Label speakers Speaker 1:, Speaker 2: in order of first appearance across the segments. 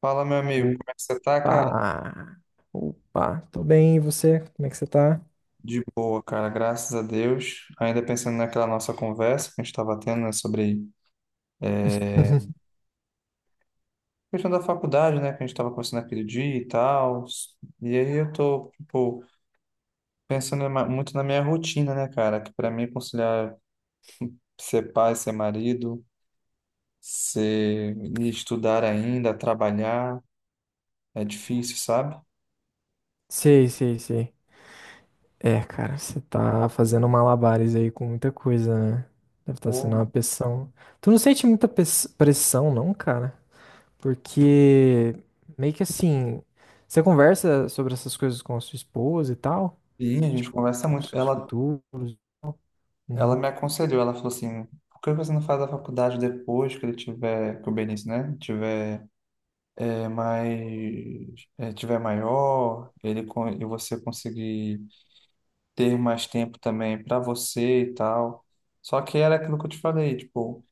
Speaker 1: Fala, meu amigo,
Speaker 2: Opa!
Speaker 1: como é que você tá, cara?
Speaker 2: Opa! Tô bem, e você? Como é que você tá?
Speaker 1: De boa, cara, graças a Deus. Ainda pensando naquela nossa conversa que a gente estava tendo, né, sobre a questão da faculdade, né, que a gente estava conversando aquele dia e tal. E aí eu tô, tipo, pensando muito na minha rotina, né, cara, que para mim é conciliar ser pai, ser marido, ser e estudar ainda, trabalhar, é difícil, sabe?
Speaker 2: Sei, sei, sei. É, cara, você tá fazendo malabares aí com muita coisa, né? Deve estar sendo
Speaker 1: Pô.
Speaker 2: uma pressão. Tu não sente muita pressão, não, cara? Porque meio que assim, você conversa sobre essas coisas com a sua esposa e tal?
Speaker 1: E a gente
Speaker 2: Tipo,
Speaker 1: conversa muito.
Speaker 2: os seus futuros. E tal?
Speaker 1: Ela
Speaker 2: Uhum.
Speaker 1: me aconselhou, ela falou assim, por que você não faz a faculdade depois que ele tiver, que o Benício, né, tiver mais, tiver maior, e você conseguir ter mais tempo também para você e tal. Só que era aquilo que eu te falei, tipo,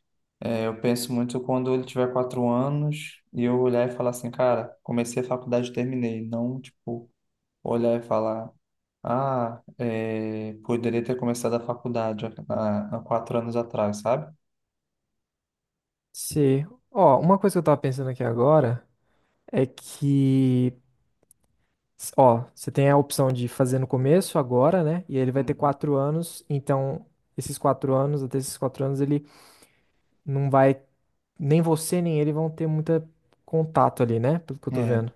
Speaker 1: eu penso muito quando ele tiver 4 anos e eu olhar e falar assim, cara, comecei a faculdade, e terminei, não, tipo olhar e falar, ah, poderia ter começado a faculdade há 4 anos atrás, sabe?
Speaker 2: Sei. Ó, uma coisa que eu tava pensando aqui agora é que. Ó, você tem a opção de fazer no começo, agora, né? E ele vai ter
Speaker 1: Uhum.
Speaker 2: quatro anos, então esses quatro anos, até esses quatro anos, ele não vai. Nem você, nem ele vão ter muito contato ali, né? Pelo que eu tô
Speaker 1: É,
Speaker 2: vendo.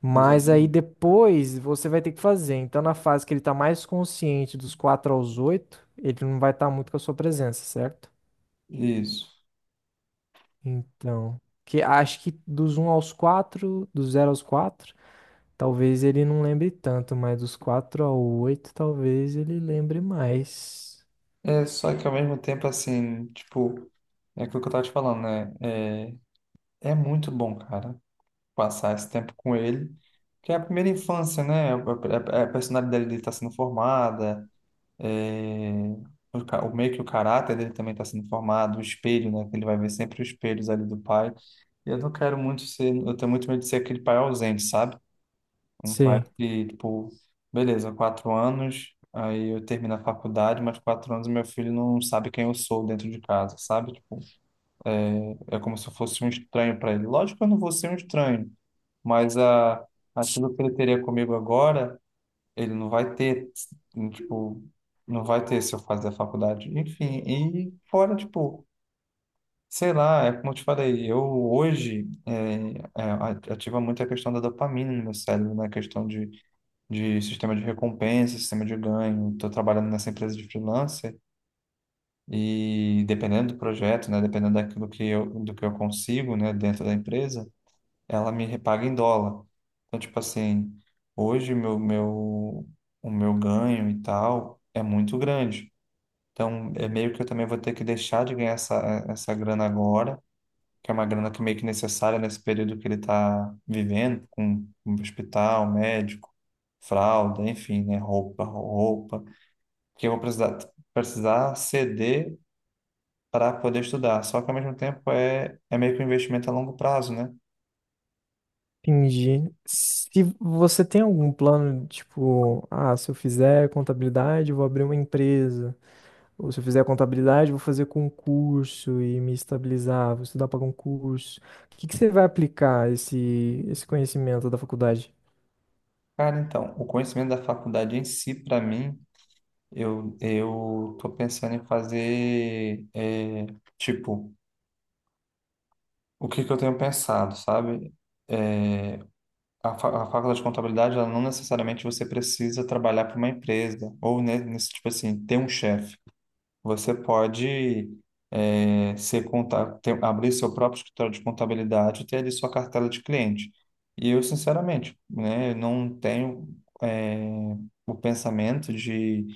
Speaker 2: Mas aí
Speaker 1: exatamente.
Speaker 2: depois você vai ter que fazer. Então, na fase que ele tá mais consciente dos quatro aos oito, ele não vai estar muito com a sua presença, certo?
Speaker 1: Isso.
Speaker 2: Então. Que acho que dos um aos quatro, do zero aos quatro. Talvez ele não lembre tanto, mas dos 4 ao 8 talvez ele lembre mais.
Speaker 1: É, só que ao mesmo tempo, assim, tipo, é aquilo que eu tava te falando, né? É muito bom, cara, passar esse tempo com ele, que é a primeira infância, né? A personalidade dele está sendo formada, é, o meio que o caráter dele também está sendo formado, o espelho, né, que ele vai ver sempre os espelhos ali do pai. E eu não quero muito ser, eu tenho muito medo de ser aquele pai ausente, sabe? Um pai
Speaker 2: Sim,
Speaker 1: que, tipo, beleza, 4 anos, aí eu termino a faculdade, mas 4 anos meu filho não sabe quem eu sou dentro de casa, sabe? Tipo, é como se eu fosse um estranho para ele. Lógico que eu não vou ser um estranho, mas aquilo que ele teria comigo agora, ele não vai ter, tipo, não vai ter se eu fazer a faculdade. Enfim, e fora, tipo, sei lá, é como eu te falei, eu hoje ativa muito a questão da dopamina no meu cérebro, né? A questão de sistema de recompensa, sistema de ganho. Estou trabalhando nessa empresa de freelancer e dependendo do projeto, né? Dependendo daquilo que eu, do que eu consigo, né, dentro da empresa ela me repaga em dólar. Então, tipo assim, hoje o meu ganho e tal é muito grande. Então, é meio que eu também vou ter que deixar de ganhar essa grana agora, que é uma grana que é meio que necessária nesse período que ele está vivendo, com hospital, médico, fralda, enfim, né? Roupa, roupa, que eu vou precisar, precisar ceder para poder estudar. Só que, ao mesmo tempo, é meio que um investimento a longo prazo, né?
Speaker 2: entendi. Se você tem algum plano, tipo, ah, se eu fizer contabilidade, eu vou abrir uma empresa. Ou se eu fizer contabilidade, eu vou fazer concurso e me estabilizar, vou estudar para concurso. O que você vai aplicar esse conhecimento da faculdade?
Speaker 1: Cara, então, o conhecimento da faculdade em si, para mim, eu tô pensando em fazer, tipo, o que que eu tenho pensado, sabe? É, a faculdade de contabilidade, ela não necessariamente você precisa trabalhar para uma empresa, ou nesse, tipo assim, ter um chefe. Você pode abrir seu próprio escritório de contabilidade e ter ali sua cartela de cliente. E eu, sinceramente, né, eu não tenho eh, o pensamento de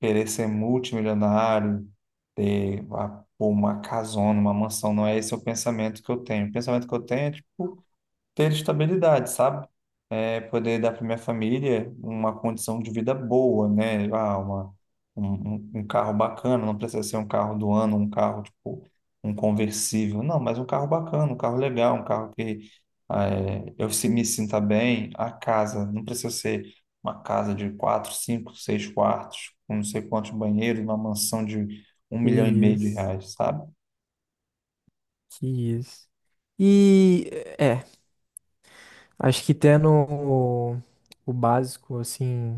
Speaker 1: querer ser multimilionário, ter pô, uma casona, uma mansão. Não é esse o pensamento que eu tenho. O pensamento que eu tenho é, tipo, ter estabilidade, sabe? É, poder dar para minha família uma condição de vida boa, né? Ah, uma, um, um um carro bacana, não precisa ser um carro do ano, um carro tipo um conversível, não, mas um carro bacana, um carro legal, um carro que ah, é, eu se- me sinta bem. A casa, não precisa ser uma casa de quatro, cinco, seis quartos, com não sei quantos banheiros, uma mansão de um
Speaker 2: Que
Speaker 1: milhão e meio de
Speaker 2: isso,
Speaker 1: reais, sabe?
Speaker 2: que isso. E. é. Acho que tendo o básico, assim,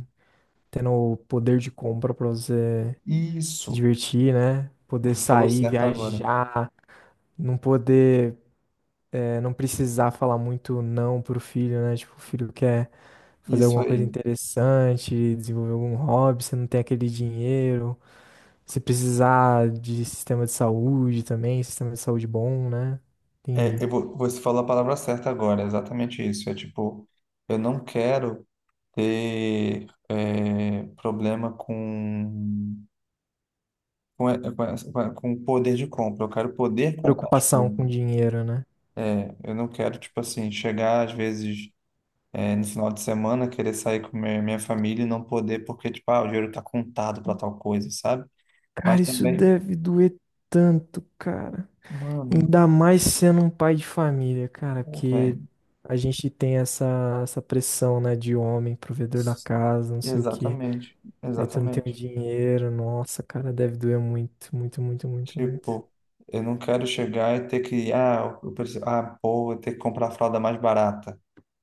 Speaker 2: tendo o poder de compra pra você se
Speaker 1: Isso,
Speaker 2: divertir, né? Poder
Speaker 1: você falou
Speaker 2: sair,
Speaker 1: certo agora.
Speaker 2: viajar, não poder, não precisar falar muito não pro filho, né? Tipo, o filho quer fazer
Speaker 1: Isso
Speaker 2: alguma coisa
Speaker 1: aí.
Speaker 2: interessante, desenvolver algum hobby, você não tem aquele dinheiro. Se precisar de sistema de saúde também, sistema de saúde bom, né?
Speaker 1: É,
Speaker 2: Entendi.
Speaker 1: eu vou, você falou a palavra certa agora, é exatamente isso. É tipo, eu não quero ter problema com, e- com, essa- com a- com o poder de compra, eu quero poder comprar as
Speaker 2: Preocupação
Speaker 1: coisas.
Speaker 2: com dinheiro, né?
Speaker 1: É, eu não quero, tipo assim, chegar às vezes no final de semana, querer sair com minha família e não poder, porque, tipo, ah, o dinheiro tá contado para tal coisa, sabe?
Speaker 2: Cara,
Speaker 1: Mas
Speaker 2: isso
Speaker 1: também,
Speaker 2: deve doer tanto, cara.
Speaker 1: mano,
Speaker 2: Ainda mais sendo um pai de família, cara,
Speaker 1: pô,
Speaker 2: porque
Speaker 1: velho,
Speaker 2: a gente tem essa pressão, né, de homem, provedor da casa, não sei o quê.
Speaker 1: exatamente,
Speaker 2: Aí tu não tem o
Speaker 1: exatamente.
Speaker 2: dinheiro, nossa, cara, deve doer muito, muito, muito, muito, muito.
Speaker 1: Tipo, eu não quero chegar e ter que, ah, eu preciso, ah, pô, vou ter que comprar a fralda mais barata,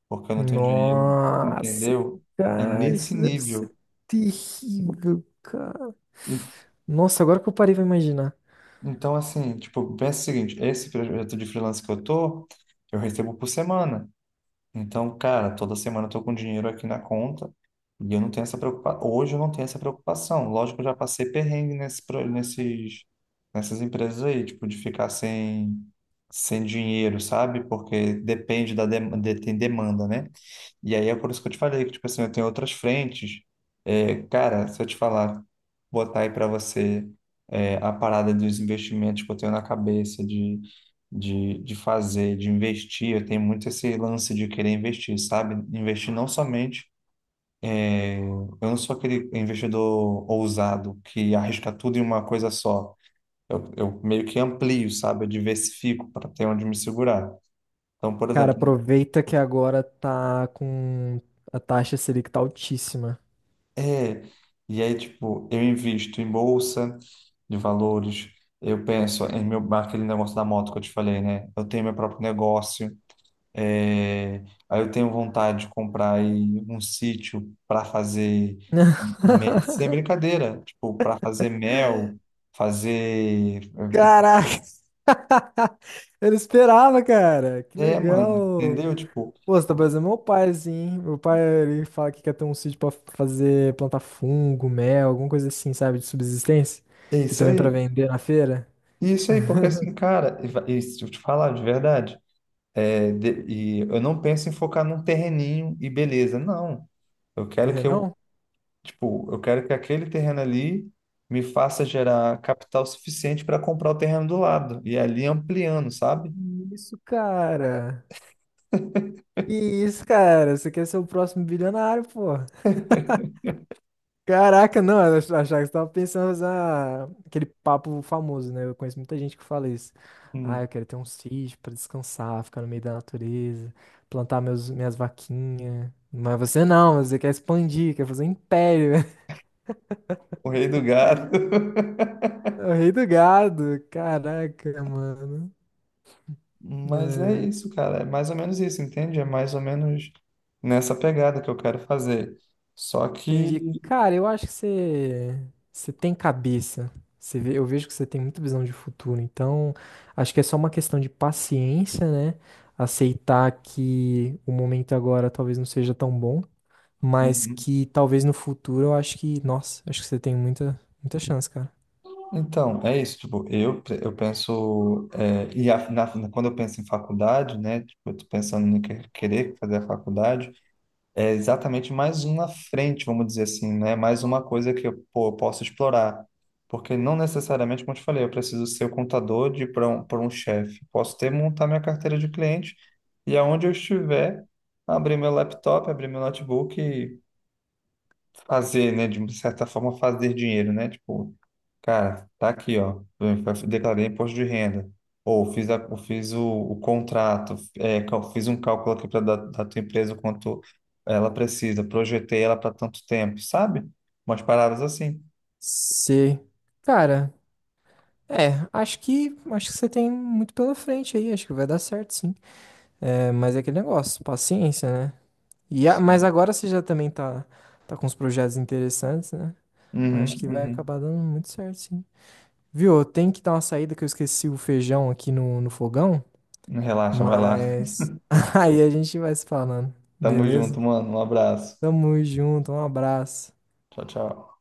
Speaker 1: porque eu não tenho dinheiro,
Speaker 2: Nossa,
Speaker 1: entendeu? É
Speaker 2: cara,
Speaker 1: nesse
Speaker 2: isso deve ser
Speaker 1: nível.
Speaker 2: terrível, cara.
Speaker 1: E,
Speaker 2: Nossa, agora que eu parei pra imaginar.
Speaker 1: então, assim, tipo, pensa o seguinte, esse projeto de freelance que eu tô, eu recebo por semana. Então, cara, toda semana eu tô com dinheiro aqui na conta e eu não tenho essa preocupação. Hoje eu não tenho essa preocupação. Lógico que eu já passei perrengue nessas empresas aí, tipo, de ficar sem dinheiro, sabe? Porque depende tem demanda, né? E aí é por isso que eu te falei que, tipo assim, eu tenho outras frentes. É, cara, se eu te falar, botar aí para você a parada dos investimentos que eu tenho na cabeça de fazer, de investir, eu tenho muito esse lance de querer investir, sabe? Investir não somente. Eu não sou aquele investidor ousado que arrisca tudo em uma coisa só. Eu meio que amplio, sabe? Eu diversifico para ter onde me segurar. Então, por
Speaker 2: Cara,
Speaker 1: exemplo,
Speaker 2: aproveita que agora tá com a taxa Selic tá altíssima.
Speaker 1: é, e aí, tipo, eu invisto em bolsa de valores, eu penso em meu, aquele negócio da moto que eu te falei, né? Eu tenho meu próprio negócio, é, aí eu tenho vontade de comprar aí um sítio para fazer, sem brincadeira, tipo, para fazer mel, fazer.
Speaker 2: Caraca! Eu não esperava, cara. Que
Speaker 1: É, mano,
Speaker 2: legal.
Speaker 1: entendeu? Tipo,
Speaker 2: Pô, você tá parecendo meu pai, assim, hein? Meu pai, ele fala que quer ter um sítio pra fazer, plantar fungo, mel, alguma coisa assim, sabe? De subsistência.
Speaker 1: é
Speaker 2: E
Speaker 1: isso
Speaker 2: também pra
Speaker 1: aí.
Speaker 2: vender na feira.
Speaker 1: Isso aí, porque assim, cara, e se eu te falar de verdade. É, e eu não penso em focar num terreninho e beleza, não. Eu quero que eu,
Speaker 2: Terrenão?
Speaker 1: tipo, eu quero que aquele terreno ali me faça gerar capital suficiente para comprar o terreno do lado e ali ampliando, sabe?
Speaker 2: Isso, cara. Que isso, cara. Você quer ser o próximo bilionário, pô. Caraca, não, eu achava que você tava pensando em fazer aquele papo famoso, né? Eu conheço muita gente que fala isso. Ah,
Speaker 1: Hum,
Speaker 2: eu quero ter um sítio pra descansar, ficar no meio da natureza, plantar minhas vaquinhas. Mas você não, você quer expandir, quer fazer um império.
Speaker 1: o rei do gato.
Speaker 2: É o rei do gado. Caraca, mano.
Speaker 1: Mas é isso, cara. É mais ou menos isso, entende? É mais ou menos nessa pegada que eu quero fazer. Só que.
Speaker 2: Entendi. Cara, eu acho que você tem cabeça. Eu vejo que você tem muita visão de futuro. Então, acho que é só uma questão de paciência, né? Aceitar que o momento agora talvez não seja tão bom, mas
Speaker 1: Uhum.
Speaker 2: que talvez no futuro eu acho que, nossa, acho que você tem muita, muita chance, cara.
Speaker 1: Então, é isso, tipo, eu penso, quando eu penso em faculdade, né, tipo, eu tô pensando em querer fazer a faculdade, é exatamente mais uma frente, vamos dizer assim, né, mais uma coisa que eu, pô, eu posso explorar, porque não necessariamente, como eu te falei, eu preciso ser o contador pra um chefe, posso ter, montar minha carteira de cliente, e aonde eu estiver, abrir meu laptop, abrir meu notebook e fazer, né, de certa forma fazer dinheiro, né, tipo, cara, tá aqui, ó. Eu declarei imposto de renda. Ou fiz, a, eu fiz o contrato, fiz um cálculo aqui para da tua empresa quanto ela precisa, projetei ela para tanto tempo, sabe? Umas paradas assim.
Speaker 2: Você, cara, é, acho que você tem muito pela frente aí. Acho que vai dar certo, sim. É, mas é aquele negócio, paciência, né? Mas
Speaker 1: Sim.
Speaker 2: agora você já também tá com uns projetos interessantes, né? Acho que vai
Speaker 1: Uhum,
Speaker 2: acabar dando muito certo, sim. Viu? Eu tenho que dar uma saída que eu esqueci o feijão aqui no fogão,
Speaker 1: uhum. Relaxa, vai lá.
Speaker 2: mas aí a gente vai se falando,
Speaker 1: Tamo junto,
Speaker 2: beleza?
Speaker 1: mano. Um abraço.
Speaker 2: Tamo junto, um abraço.
Speaker 1: Tchau, tchau.